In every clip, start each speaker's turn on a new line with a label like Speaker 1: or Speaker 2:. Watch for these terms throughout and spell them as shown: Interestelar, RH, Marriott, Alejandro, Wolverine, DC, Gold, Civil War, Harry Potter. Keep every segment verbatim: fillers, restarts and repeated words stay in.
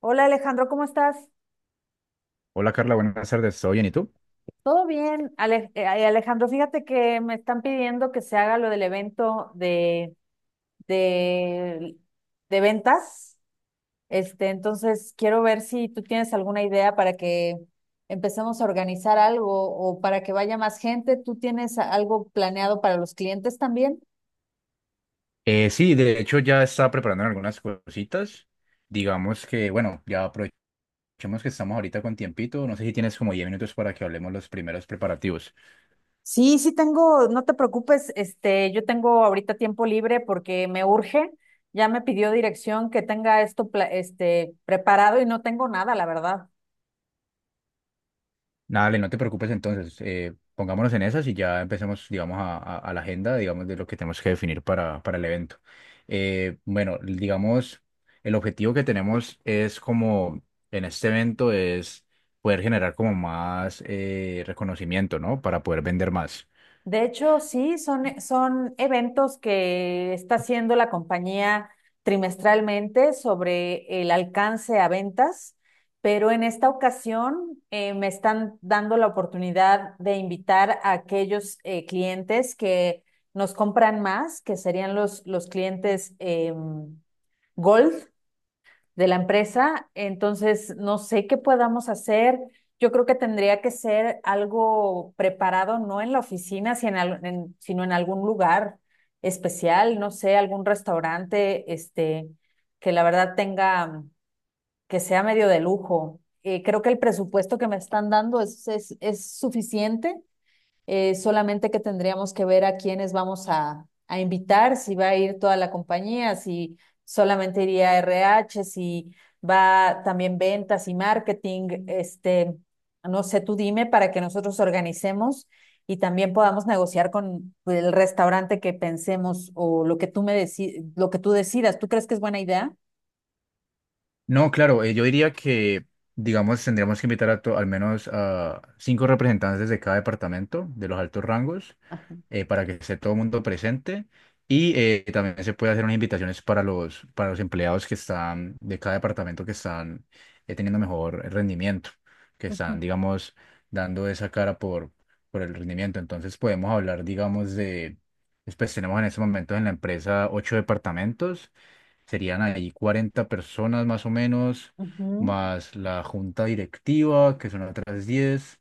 Speaker 1: Hola Alejandro, ¿cómo estás?
Speaker 2: Hola Carla, buenas tardes, ¿todo bien? ¿Y tú?
Speaker 1: ¿Todo bien? Ale- eh, Alejandro, fíjate que me están pidiendo que se haga lo del evento de, de, de ventas. Este, entonces quiero ver si tú tienes alguna idea para que empecemos a organizar algo o para que vaya más gente. ¿Tú tienes a- algo planeado para los clientes también?
Speaker 2: Eh, sí, de hecho ya estaba preparando algunas cositas. Digamos que, bueno, ya aprovechemos que estamos ahorita con tiempito. No sé si tienes como diez minutos para que hablemos los primeros preparativos.
Speaker 1: Sí, sí tengo, no te preocupes, este, yo tengo ahorita tiempo libre porque me urge. Ya me pidió dirección que tenga esto, pla- este, preparado y no tengo nada, la verdad.
Speaker 2: Dale, no te preocupes entonces. Eh, pongámonos en esas y ya empecemos, digamos, a, a- a la agenda, digamos, de lo que tenemos que definir para, para el evento. Eh, bueno, digamos, el objetivo que tenemos es como en este evento es poder generar como más eh, reconocimiento, ¿no? Para poder vender más.
Speaker 1: De hecho, sí, son, eh, son eventos que está haciendo la compañía trimestralmente sobre el alcance a ventas, pero en esta ocasión eh, me están dando la oportunidad de invitar a aquellos eh, clientes que nos compran más, que serían los, los clientes em, Gold, de la empresa. Entonces, no sé qué podamos hacer. Yo creo que tendría que ser algo preparado, no en la oficina, sino en, al- en- sino en algún lugar especial, no sé, algún restaurante, este, que la verdad tenga, que sea medio de lujo. Eh, creo que el presupuesto que me están dando es, es, es suficiente, eh, solamente que tendríamos que ver a quiénes vamos a, a invitar, si va a ir toda la compañía, si solamente iría R H, si va también ventas y marketing, este, no sé, tú dime para que nosotros organicemos y también podamos negociar con, pues, el restaurante que pensemos o lo que tú me deci- lo que tú decidas. ¿Tú crees que es buena idea?
Speaker 2: No, claro, eh, yo diría que, digamos, tendríamos que invitar a to- al menos a cinco representantes de cada departamento de los altos rangos.
Speaker 1: Ah,
Speaker 2: Eh, para que esté todo el mundo presente y eh, también se puede hacer unas invitaciones para los, para los empleados que están de cada departamento que están eh, teniendo mejor rendimiento, que
Speaker 1: ujú,
Speaker 2: están, digamos, dando esa cara por, por el rendimiento. Entonces podemos hablar, digamos, de, pues tenemos en estos momentos en la empresa ocho departamentos. Serían ahí cuarenta personas más o menos,
Speaker 1: ujú,
Speaker 2: más la junta directiva, que son otras diez.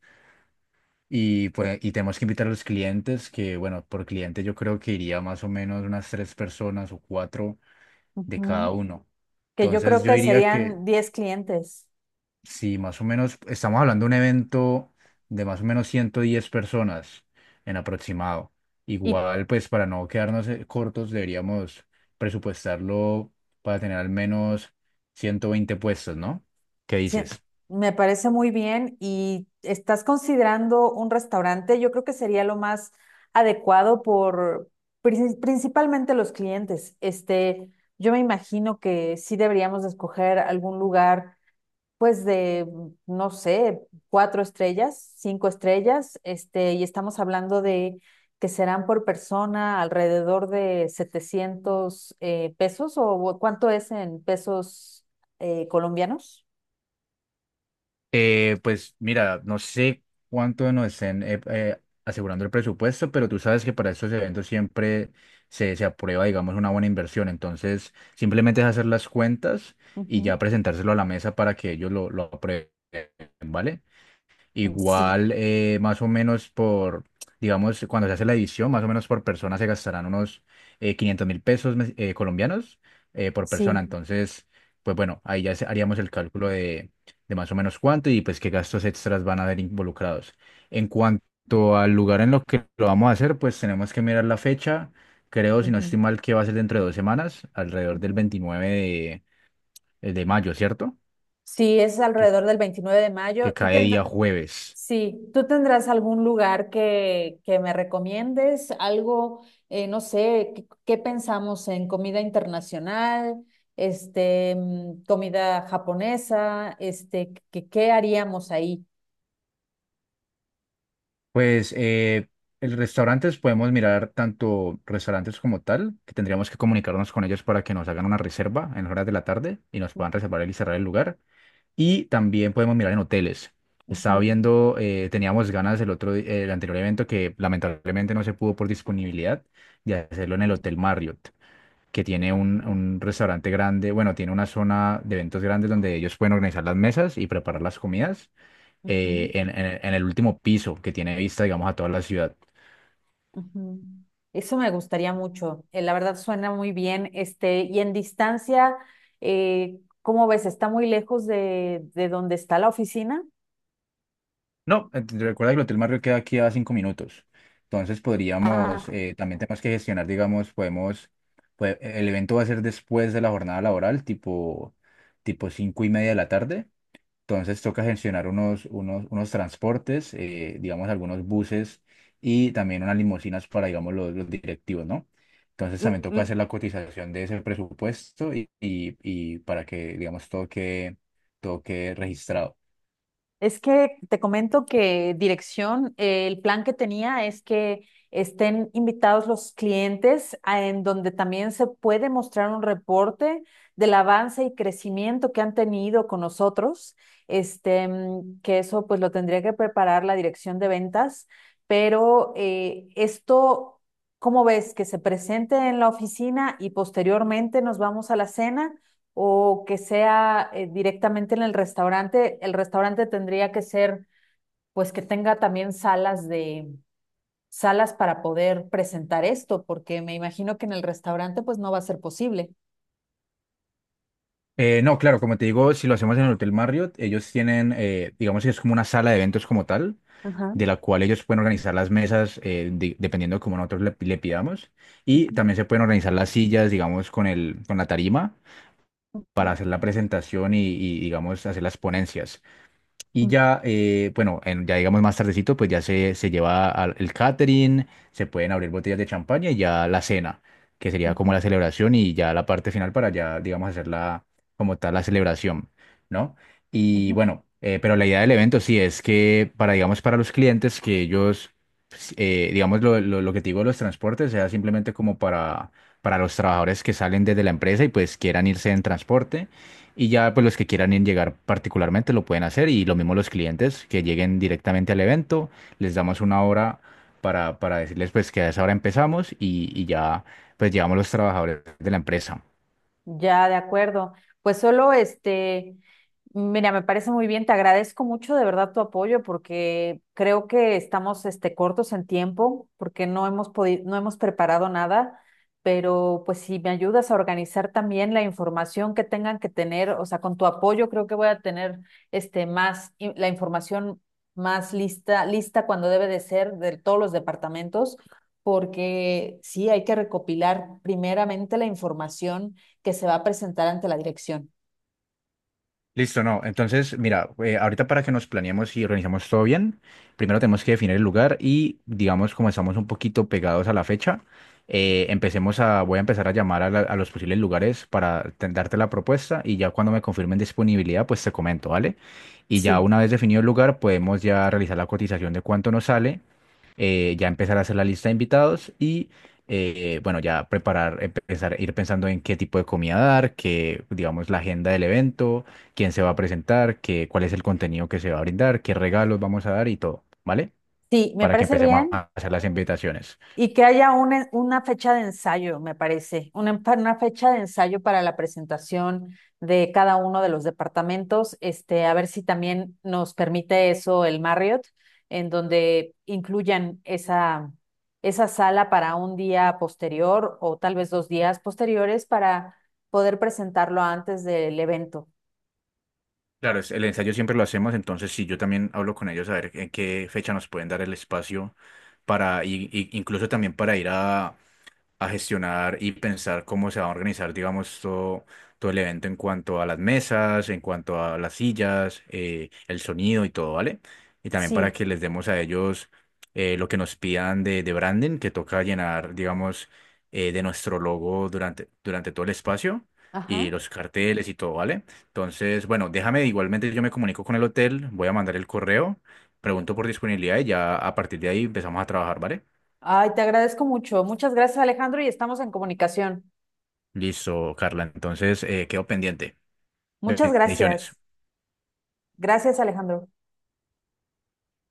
Speaker 2: Y, pues, y tenemos que invitar a los clientes, que bueno, por cliente yo creo que iría más o menos unas tres personas o cuatro de cada
Speaker 1: ujú.
Speaker 2: uno.
Speaker 1: Que yo creo
Speaker 2: Entonces yo
Speaker 1: que
Speaker 2: diría que,
Speaker 1: serían diez clientes.
Speaker 2: sí, más o menos, estamos hablando de un evento de más o menos ciento diez personas en aproximado.
Speaker 1: Y
Speaker 2: Igual, pues para no quedarnos eh, cortos, deberíamos presupuestarlo para tener al menos ciento veinte puestos, ¿no? ¿Qué
Speaker 1: sí,
Speaker 2: dices?
Speaker 1: me parece muy bien. ¿Y estás considerando un restaurante? Yo creo que sería lo más adecuado por prin- principalmente los clientes. Este, yo me imagino que sí deberíamos de escoger algún lugar, pues de, no sé, cuatro estrellas, cinco estrellas. Este, y estamos hablando de que serán por persona alrededor de setecientos eh, pesos, o cuánto es en pesos eh, colombianos.
Speaker 2: Eh, pues mira, no sé cuánto nos estén eh, eh, asegurando el presupuesto, pero tú sabes que para estos eventos siempre se, se aprueba, digamos, una buena inversión. Entonces, simplemente es hacer las cuentas y ya
Speaker 1: Ujú.
Speaker 2: presentárselo a la mesa para que ellos lo, lo aprueben, ¿vale?
Speaker 1: Sí,
Speaker 2: Igual, eh, más o menos por, digamos, cuando se hace la edición, más o menos por persona se gastarán unos eh, quinientos mil pesos mes- eh, colombianos eh, por persona.
Speaker 1: sí.
Speaker 2: Entonces, pues bueno, ahí ya se- haríamos el cálculo de, de más o menos cuánto y pues qué gastos extras van a haber involucrados. En cuanto al lugar en lo que lo vamos a hacer, pues tenemos que mirar la fecha. Creo, si no
Speaker 1: Ujú,
Speaker 2: estoy mal, que va a ser dentro de dos semanas, alrededor del
Speaker 1: ujú.
Speaker 2: veintinueve de, de mayo, ¿cierto?
Speaker 1: Sí, es
Speaker 2: Que,
Speaker 1: alrededor del veintinueve de
Speaker 2: que
Speaker 1: mayo. ¿Tú
Speaker 2: cae
Speaker 1: tendrás,
Speaker 2: día jueves.
Speaker 1: sí, tú tendrás algún lugar que, que me recomiendes? Algo, eh, no sé. ¿qué, qué, pensamos, en comida internacional, este, mm, comida japonesa, este? ¿qué, qué haríamos ahí?
Speaker 2: Pues eh, el restaurantes podemos mirar tanto restaurantes como tal, que tendríamos que comunicarnos con ellos para que nos hagan una reserva en las horas de la tarde y nos puedan
Speaker 1: Ujú,
Speaker 2: reservar y cerrar el lugar. Y también podemos mirar en hoteles. Estaba
Speaker 1: ujú,
Speaker 2: viendo, eh, teníamos ganas el otro, di- el anterior evento que lamentablemente no se pudo por disponibilidad de hacerlo en el Hotel Marriott, que tiene un, un restaurante grande, bueno, tiene una zona de eventos grandes donde ellos pueden organizar las mesas y preparar las comidas eh,
Speaker 1: ujú.
Speaker 2: en, en- en el último piso que tiene vista, digamos, a toda la ciudad.
Speaker 1: Ujú. Eso me gustaría mucho. Eh, la verdad suena muy bien. Este, y en distancia, eh, ¿cómo ves? ¿Está muy lejos de, de donde está la oficina?
Speaker 2: No, eh, recuerda que el Hotel Marriott queda aquí a cinco minutos. Entonces
Speaker 1: Ah,
Speaker 2: podríamos, eh, también tenemos que gestionar, digamos, podemos, pue- el evento va a ser después de la jornada laboral, tipo, tipo cinco y media de la tarde. Entonces toca gestionar unos, unos, unos transportes, eh, digamos algunos buses y también unas limusinas para, digamos, los, los directivos, ¿no? Entonces
Speaker 1: L-
Speaker 2: también toca
Speaker 1: l-
Speaker 2: hacer la cotización de ese presupuesto y, y, y para que, digamos, todo quede, todo quede registrado.
Speaker 1: es que te comento que dirección, eh, el plan que tenía es que estén invitados los clientes a- en donde también se puede mostrar un reporte del avance y crecimiento que han tenido con nosotros. Este, mm, que eso pues lo tendría que preparar la dirección de ventas, pero eh, esto, ¿cómo ves? Que se presente en la oficina y posteriormente nos vamos a la cena, o que sea eh, directamente en el restaurante. El restaurante tendría que ser, pues, que tenga también salas de salas para poder presentar esto, porque me imagino que en el restaurante, pues, no va a ser posible.
Speaker 2: Eh, no, claro, como te digo, si lo hacemos en el Hotel Marriott, ellos tienen, eh, digamos que es como una sala de eventos como tal,
Speaker 1: Ajá.
Speaker 2: de la cual ellos pueden organizar las mesas eh, de- dependiendo de cómo nosotros le, le pidamos. Y
Speaker 1: Ujú,
Speaker 2: también se pueden organizar las sillas, digamos, con el, con la tarima
Speaker 1: ujú,
Speaker 2: para hacer la presentación y, y, digamos, hacer las ponencias. Y ya, eh, bueno, en- ya digamos más tardecito, pues ya se, se lleva al, el catering, se pueden abrir botellas de champaña y ya la cena, que sería como
Speaker 1: ujú,
Speaker 2: la celebración y ya la parte final para ya, digamos, hacer la, como tal, la celebración, ¿no? Y
Speaker 1: ujú.
Speaker 2: bueno, eh, pero la idea del evento sí es que para, digamos, para los clientes que ellos, pues, eh, digamos, lo, lo, lo que te digo, de los transportes, sea simplemente como para... para los trabajadores que salen desde la empresa y pues quieran irse en transporte, y ya pues los que quieran en llegar particularmente lo pueden hacer y lo mismo los clientes que lleguen directamente al evento, les damos una hora para, para decirles pues que a esa hora empezamos y, y ya pues llevamos los trabajadores de la empresa.
Speaker 1: Ya, de acuerdo. Pues solo este, mira, me parece muy bien, te agradezco mucho de verdad tu apoyo, porque creo que estamos este cortos en tiempo porque no hemos podido, no hemos preparado nada, pero pues si me ayudas a organizar también la información que tengan que tener, o sea, con tu apoyo creo que voy a tener este más in- la información más lista, lista cuando debe de ser, de todos los departamentos, porque sí hay que recopilar primeramente la información que se va a presentar ante la dirección.
Speaker 2: Listo, no. Entonces, mira, eh, ahorita para que nos planeemos y organizamos todo bien, primero tenemos que definir el lugar y, digamos, como estamos un poquito pegados a la fecha, eh, empecemos a, voy a empezar a llamar a, la- a los posibles lugares para te- darte la propuesta y ya cuando me confirmen disponibilidad, pues te comento, ¿vale? Y ya
Speaker 1: Sí.
Speaker 2: una vez definido el lugar, podemos ya realizar la cotización de cuánto nos sale, eh, ya empezar a hacer la lista de invitados y, eh, bueno, ya preparar, empezar, ir pensando en qué tipo de comida dar, qué, digamos, la agenda del evento, quién se va a presentar, qué, cuál es el contenido que se va a brindar, qué regalos vamos a dar y todo, ¿vale?
Speaker 1: Sí, me
Speaker 2: Para que
Speaker 1: parece
Speaker 2: empecemos
Speaker 1: bien,
Speaker 2: a hacer las invitaciones.
Speaker 1: y que haya una, una fecha de ensayo, me parece, una, una fecha de ensayo para la presentación de cada uno de los departamentos, este, a ver si también nos permite eso el Marriott, en donde incluyan esa, esa sala para un día posterior o tal vez dos días posteriores para poder presentarlo antes del evento.
Speaker 2: Claro, es- el ensayo siempre lo hacemos, entonces sí, yo también hablo con ellos a ver en qué fecha nos pueden dar el espacio para, y, y- incluso también para ir a a gestionar y pensar cómo se va a organizar, digamos, todo, todo el evento en cuanto a las mesas, en cuanto a las sillas, eh, el sonido y todo, ¿vale? Y también para
Speaker 1: Sí.
Speaker 2: que les demos a ellos eh, lo que nos pidan de, de, branding, que toca llenar, digamos, eh, de nuestro logo durante, durante todo el espacio. Y
Speaker 1: Ajá.
Speaker 2: los carteles y todo, ¿vale? Entonces, bueno, déjame, igualmente yo me comunico con el hotel, voy a mandar el correo, pregunto por disponibilidad y ya a partir de ahí empezamos a trabajar, ¿vale?
Speaker 1: Ay, te agradezco mucho. Muchas gracias, Alejandro, y estamos en comunicación.
Speaker 2: Listo, Carla. Entonces, eh, quedo pendiente.
Speaker 1: Muchas
Speaker 2: Bendiciones.
Speaker 1: gracias. Gracias, Alejandro.